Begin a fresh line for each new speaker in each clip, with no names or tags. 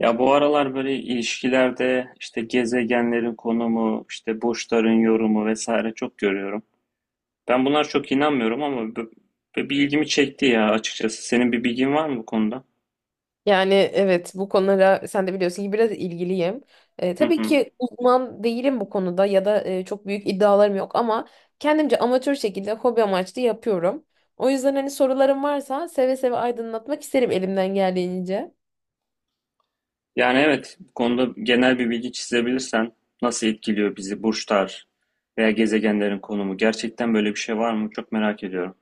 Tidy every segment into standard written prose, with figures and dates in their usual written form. Ya bu aralar böyle ilişkilerde işte gezegenlerin konumu, işte burçların yorumu vesaire çok görüyorum. Ben bunlar çok inanmıyorum ama bir ilgimi çekti ya açıkçası. Senin bir bilgin var mı bu konuda?
Yani evet bu konulara sen de biliyorsun ki biraz ilgiliyim.
Hı
Tabii
hı.
ki uzman değilim bu konuda ya da çok büyük iddialarım yok ama kendimce amatör şekilde hobi amaçlı yapıyorum. O yüzden hani sorularım varsa seve seve aydınlatmak isterim elimden geldiğince.
Yani evet, bu konuda genel bir bilgi çizebilirsen nasıl etkiliyor bizi burçlar veya gezegenlerin konumu? Gerçekten böyle bir şey var mı? Çok merak ediyorum.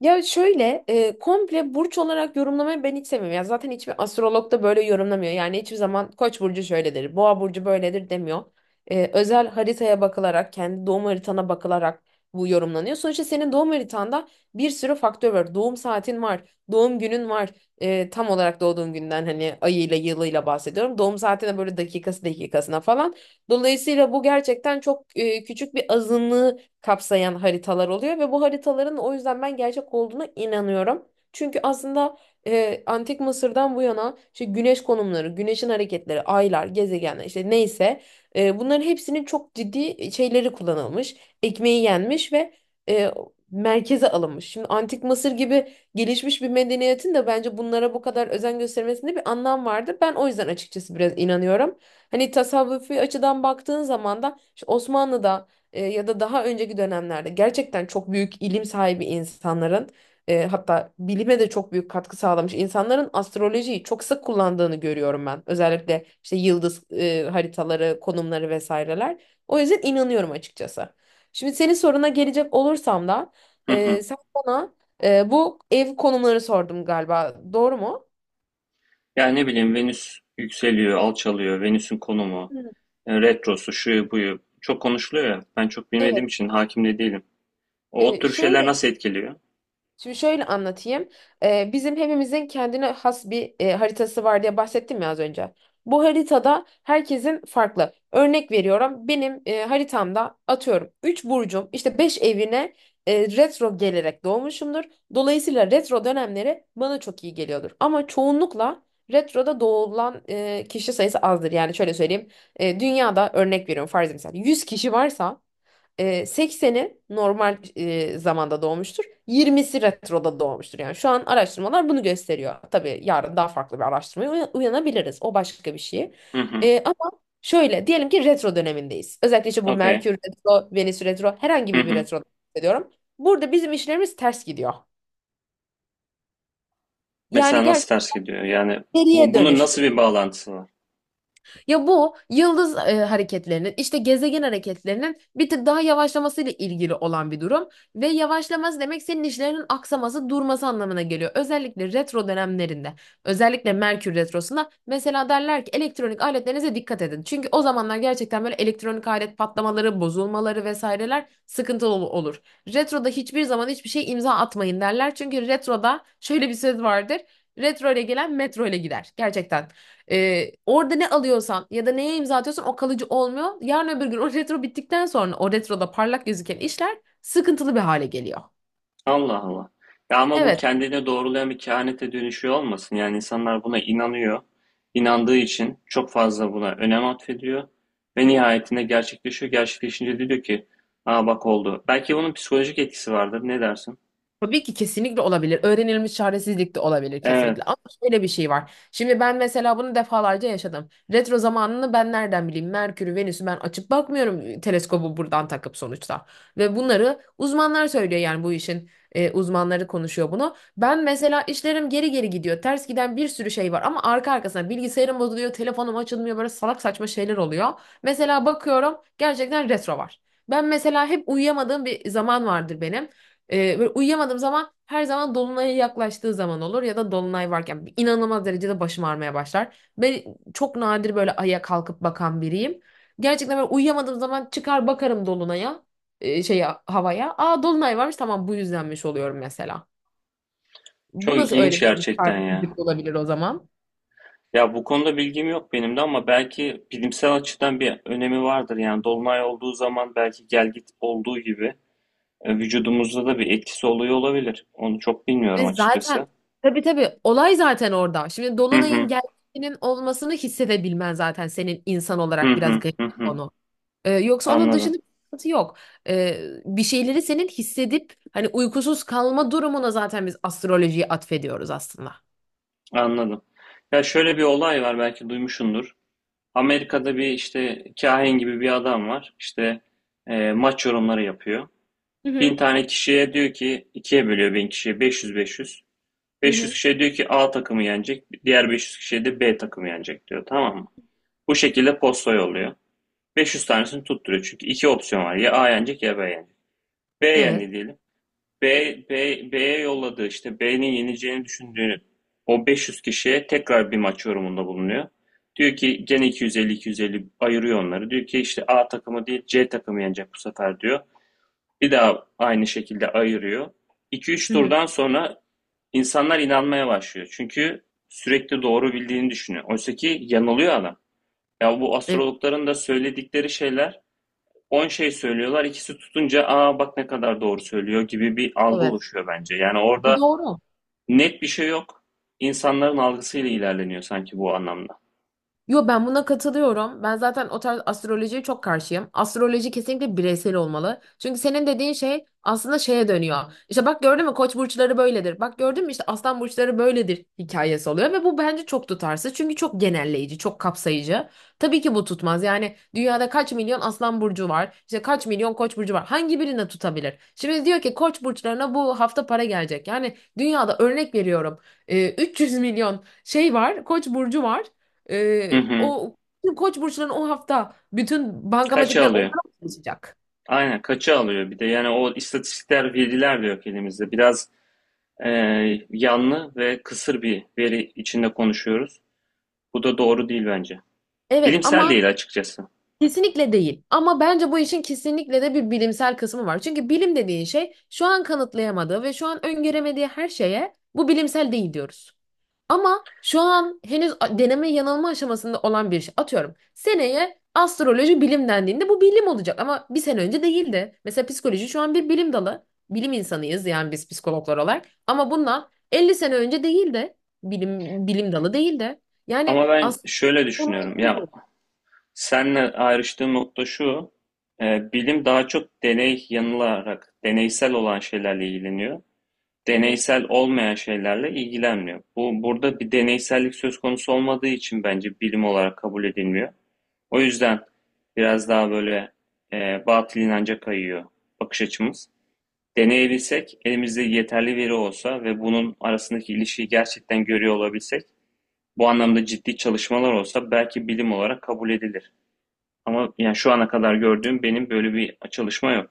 Ya şöyle komple burç olarak yorumlamayı ben hiç sevmiyorum. Ya zaten hiçbir astrolog da böyle yorumlamıyor. Yani hiçbir zaman Koç burcu şöyledir, Boğa burcu böyledir demiyor. Özel haritaya bakılarak, kendi doğum haritana bakılarak bu yorumlanıyor. Sonuçta senin doğum haritanda bir sürü faktör var. Doğum saatin var, doğum günün var. Tam olarak doğduğun günden hani ayıyla yılıyla bahsediyorum. Doğum saatine böyle dakikası dakikasına falan. Dolayısıyla bu gerçekten çok küçük bir azınlığı kapsayan haritalar oluyor ve bu haritaların o yüzden ben gerçek olduğuna inanıyorum. Çünkü aslında Antik Mısır'dan bu yana işte güneş konumları, güneşin hareketleri, aylar, gezegenler işte neyse bunların hepsinin çok ciddi şeyleri kullanılmış, ekmeği yenmiş ve e, merkeze alınmış. Şimdi Antik Mısır gibi gelişmiş bir medeniyetin de bence bunlara bu kadar özen göstermesinde bir anlam vardı. Ben o yüzden açıkçası biraz inanıyorum. Hani tasavvufi açıdan baktığın zaman da işte Osmanlı'da ya da daha önceki dönemlerde gerçekten çok büyük ilim sahibi insanların hatta bilime de çok büyük katkı sağlamış insanların astrolojiyi çok sık kullandığını görüyorum ben. Özellikle işte yıldız haritaları, konumları vesaireler. O yüzden inanıyorum açıkçası. Şimdi senin soruna gelecek olursam da
Hı hı.
sen bana bu ev konumları sordum galiba. Doğru mu?
Yani ne bileyim Venüs yükseliyor, alçalıyor, Venüs'ün konumu,
Hı.
retrosu, şuyu buyu çok konuşuluyor ya. Ben çok bilmediğim
Evet.
için hakim de değilim. O
E,
tür şeyler
şöyle
nasıl etkiliyor?
Şimdi şöyle anlatayım. Bizim hepimizin kendine has bir haritası var diye bahsettim ya az önce. Bu haritada herkesin farklı. Örnek veriyorum. Benim haritamda atıyorum 3 burcum işte 5 evine retro gelerek doğmuşumdur. Dolayısıyla retro dönemleri bana çok iyi geliyordur. Ama çoğunlukla retroda doğulan kişi sayısı azdır. Yani şöyle söyleyeyim. Dünyada örnek veriyorum farz mesela 100 kişi varsa 80'i normal zamanda doğmuştur. 20'si retroda doğmuştur. Yani şu an araştırmalar bunu gösteriyor. Tabii yarın daha farklı bir araştırmaya uyanabiliriz. O başka bir şey.
Hı hı.
Ama şöyle diyelim ki retro dönemindeyiz. Özellikle işte bu
Okey.
Merkür retro, Venüs retro herhangi
Hı
bir
hı.
retro diyorum. Burada bizim işlerimiz ters gidiyor. Yani
Mesela nasıl ters
gerçekten
gidiyor? Yani
geriye
bunun
dönüş.
nasıl bir bağlantısı var?
Ya bu yıldız hareketlerinin işte gezegen hareketlerinin bir tık daha yavaşlamasıyla ilgili olan bir durum ve yavaşlaması demek senin işlerinin aksaması, durması anlamına geliyor. Özellikle retro dönemlerinde, özellikle Merkür retrosunda mesela derler ki elektronik aletlerinize dikkat edin. Çünkü o zamanlar gerçekten böyle elektronik alet patlamaları, bozulmaları vesaireler sıkıntılı olur. Retroda hiçbir zaman hiçbir şey imza atmayın derler. Çünkü retroda şöyle bir söz vardır. Retro ile gelen metro ile gider. Gerçekten. Orada ne alıyorsan ya da neye imza atıyorsan o kalıcı olmuyor. Yarın öbür gün o retro bittikten sonra o retroda parlak gözüken işler sıkıntılı bir hale geliyor.
Allah Allah. Ya ama bu
Evet.
kendine doğrulayan bir kehanete dönüşüyor olmasın? Yani insanlar buna inanıyor. İnandığı için çok fazla buna önem atfediyor. Ve nihayetinde gerçekleşiyor. Gerçekleşince de diyor ki, aa bak oldu. Belki bunun psikolojik etkisi vardır. Ne dersin?
Tabii ki kesinlikle olabilir. Öğrenilmiş çaresizlik de olabilir kesinlikle.
Evet.
Ama şöyle bir şey var. Şimdi ben mesela bunu defalarca yaşadım. Retro zamanını ben nereden bileyim? Merkür'ü, Venüs'ü ben açıp bakmıyorum teleskobu buradan takıp sonuçta. Ve bunları uzmanlar söylüyor yani bu işin uzmanları konuşuyor bunu. Ben mesela işlerim geri geri gidiyor. Ters giden bir sürü şey var ama arka arkasına bilgisayarım bozuluyor, telefonum açılmıyor böyle salak saçma şeyler oluyor. Mesela bakıyorum gerçekten retro var. Ben mesela hep uyuyamadığım bir zaman vardır benim. Böyle uyuyamadığım zaman her zaman dolunaya yaklaştığı zaman olur ya da dolunay varken inanılmaz derecede başım ağrımaya başlar. Ben çok nadir böyle aya kalkıp bakan biriyim. Gerçekten böyle uyuyamadığım zaman çıkar bakarım dolunaya, şeye havaya. Aa dolunay varmış tamam bu yüzdenmiş oluyorum mesela.
Çok
Bu nasıl
ilginç
öğretilmiş
gerçekten ya.
terbiyesizlik olabilir o zaman?
Ya bu konuda bilgim yok benim de ama belki bilimsel açıdan bir önemi vardır. Yani dolunay olduğu zaman belki gelgit olduğu gibi vücudumuzda da bir etkisi oluyor olabilir. Onu çok bilmiyorum
Ve zaten
açıkçası.
tabii tabii olay zaten orada. Şimdi
Hı
dolunayın
hı.
geldiğinin olmasını hissedebilmen zaten senin insan
Hı
olarak biraz
hı,
garip
hı
bir
hı.
konu. Yoksa onun dışında
Anladım,
bir sıkıntı yok. Bir şeyleri senin hissedip hani uykusuz kalma durumuna zaten biz astrolojiyi atfediyoruz aslında.
anladım. Ya şöyle bir olay var belki duymuşsundur. Amerika'da bir işte kahin gibi bir adam var. İşte maç yorumları yapıyor.
Hı hı,
1.000 tane kişiye diyor ki ikiye bölüyor 1.000 kişiye 500-500.
hı
500
hı.
kişiye diyor ki A takımı yenecek. Diğer 500 kişiye de B takımı yenecek diyor, tamam mı? Bu şekilde posta yolluyor. 500 tanesini tutturuyor çünkü iki opsiyon var. Ya A yenecek ya B yenecek. B
Evet.
yendi diyelim. B, B'ye yolladığı işte B'nin yeneceğini düşündüğünü o 500 kişiye tekrar bir maç yorumunda bulunuyor. Diyor ki gene 250-250 ayırıyor onları. Diyor ki işte A takımı değil C takımı yenecek bu sefer diyor. Bir daha aynı şekilde ayırıyor. 2-3
Hı hı.
turdan sonra insanlar inanmaya başlıyor. Çünkü sürekli doğru bildiğini düşünüyor. Oysa ki yanılıyor adam. Ya bu
Evet.
astrologların da söyledikleri şeyler. 10 şey söylüyorlar, ikisi tutunca aa bak ne kadar doğru söylüyor gibi bir algı
Evet.
oluşuyor bence. Yani
Bu
orada
doğru.
net bir şey yok. İnsanların algısıyla ilerleniyor sanki bu anlamda.
Yo ben buna katılıyorum. Ben zaten o tarz astrolojiye çok karşıyım. Astroloji kesinlikle bireysel olmalı. Çünkü senin dediğin şey aslında şeye dönüyor. İşte bak gördün mü koç burçları böyledir. Bak gördün mü işte aslan burçları böyledir hikayesi oluyor ve bu bence çok tutarsız. Çünkü çok genelleyici, çok kapsayıcı. Tabii ki bu tutmaz. Yani dünyada kaç milyon aslan burcu var? İşte kaç milyon koç burcu var? Hangi birine tutabilir? Şimdi diyor ki koç burçlarına bu hafta para gelecek. Yani dünyada örnek veriyorum. 300 milyon şey var, koç burcu var. Ee,
Hı hı.
o koç burçların o hafta bütün
Kaça
bankamatikler onlara
alıyor?
mı çalışacak?
Aynen kaça alıyor bir de yani o istatistikler veriler de yok elimizde. Biraz e, yanlı ve kısır bir veri içinde konuşuyoruz. Bu da doğru değil bence.
Evet
Bilimsel
ama
değil açıkçası.
kesinlikle değil. Ama bence bu işin kesinlikle de bir bilimsel kısmı var. Çünkü bilim dediğin şey şu an kanıtlayamadığı ve şu an öngöremediği her şeye bu bilimsel değil diyoruz. Ama şu an henüz deneme yanılma aşamasında olan bir şey. Atıyorum seneye astroloji bilim dendiğinde bu bilim olacak ama bir sene önce değildi. Mesela psikoloji şu an bir bilim dalı. Bilim insanıyız yani biz psikologlar olarak. Ama bundan 50 sene önce değildi. Bilim, bilim dalı değildi. Yani
Ama ben
aslında
şöyle düşünüyorum. Ya
bunu.
senle ayrıştığım nokta şu, bilim daha çok deney yanılarak, deneysel olan şeylerle ilgileniyor. Deneysel olmayan şeylerle ilgilenmiyor. Bu burada bir deneysellik söz konusu olmadığı için bence bilim olarak kabul edilmiyor. O yüzden biraz daha böyle batıl inanca kayıyor bakış açımız. Deneyebilsek, elimizde yeterli veri olsa ve bunun arasındaki ilişkiyi gerçekten görüyor olabilsek, bu anlamda ciddi çalışmalar olsa belki bilim olarak kabul edilir. Ama yani şu ana kadar gördüğüm benim böyle bir çalışma yok.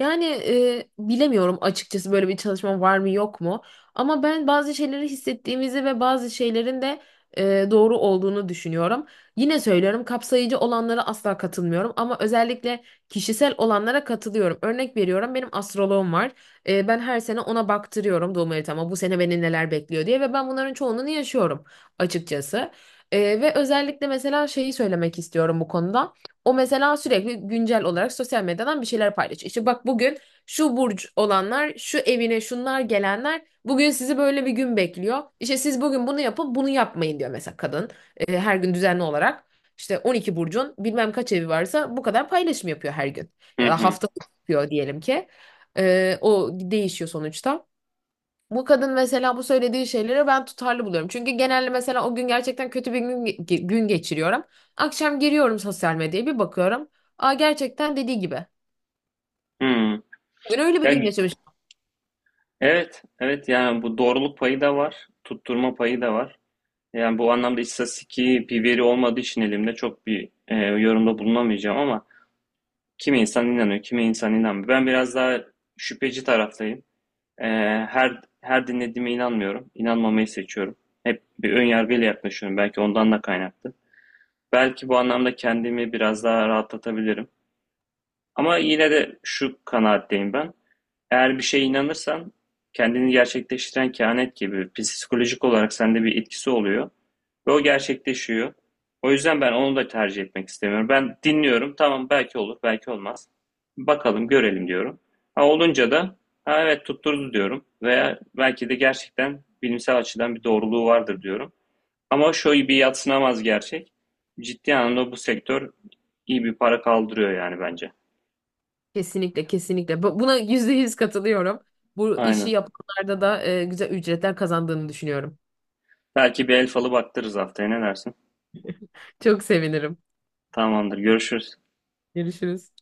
Yani bilemiyorum açıkçası böyle bir çalışma var mı yok mu. Ama ben bazı şeyleri hissettiğimizi ve bazı şeylerin de doğru olduğunu düşünüyorum. Yine söylüyorum kapsayıcı olanlara asla katılmıyorum ama özellikle kişisel olanlara katılıyorum. Örnek veriyorum benim astroloğum var. Ben her sene ona baktırıyorum doğum haritama bu sene beni neler bekliyor diye ve ben bunların çoğunluğunu yaşıyorum açıkçası. Ve özellikle mesela şeyi söylemek istiyorum bu konuda. O mesela sürekli güncel olarak sosyal medyadan bir şeyler paylaşıyor. İşte bak bugün şu burç olanlar, şu evine şunlar gelenler bugün sizi böyle bir gün bekliyor. İşte siz bugün bunu yapın, bunu yapmayın diyor mesela kadın. Her gün düzenli olarak işte 12 burcun bilmem kaç evi varsa bu kadar paylaşım yapıyor her gün.
Hı
Ya da
hı.
haftalık yapıyor diyelim ki. O değişiyor sonuçta. Bu kadın mesela bu söylediği şeyleri ben tutarlı buluyorum. Çünkü genelde mesela o gün gerçekten kötü bir gün, gün geçiriyorum. Akşam giriyorum sosyal medyaya bir bakıyorum. Aa gerçekten dediği gibi.
Hı.
Bugün öyle bir
Ya,
gün yaşamış.
evet, evet yani bu doğruluk payı da var, tutturma payı da var. Yani bu anlamda istatistiki bir veri olmadığı için elimde çok bir yorumda bulunamayacağım ama kimi insan inanıyor, kimi insan inanmıyor. Ben biraz daha şüpheci taraftayım. E, her dinlediğime inanmıyorum. İnanmamayı seçiyorum. Hep bir ön yargıyla yaklaşıyorum. Belki ondan da kaynaklı. Belki bu anlamda kendimi biraz daha rahatlatabilirim. Ama yine de şu kanaatteyim ben. Eğer bir şeye inanırsan kendini gerçekleştiren kehanet gibi psikolojik olarak sende bir etkisi oluyor ve o gerçekleşiyor. O yüzden ben onu da tercih etmek istemiyorum. Ben dinliyorum. Tamam belki olur, belki olmaz. Bakalım, görelim diyorum. Ha olunca da ha evet tutturdu diyorum veya belki de gerçekten bilimsel açıdan bir doğruluğu vardır diyorum. Ama şu bir yadsınamaz gerçek. Ciddi anlamda bu sektör iyi bir para kaldırıyor yani bence.
Kesinlikle kesinlikle. Buna %100 katılıyorum. Bu işi
Aynen.
yapanlarda da güzel ücretler kazandığını düşünüyorum.
Belki bir el falı baktırırız haftaya, ne dersin?
Çok sevinirim.
Tamamdır, görüşürüz.
Görüşürüz.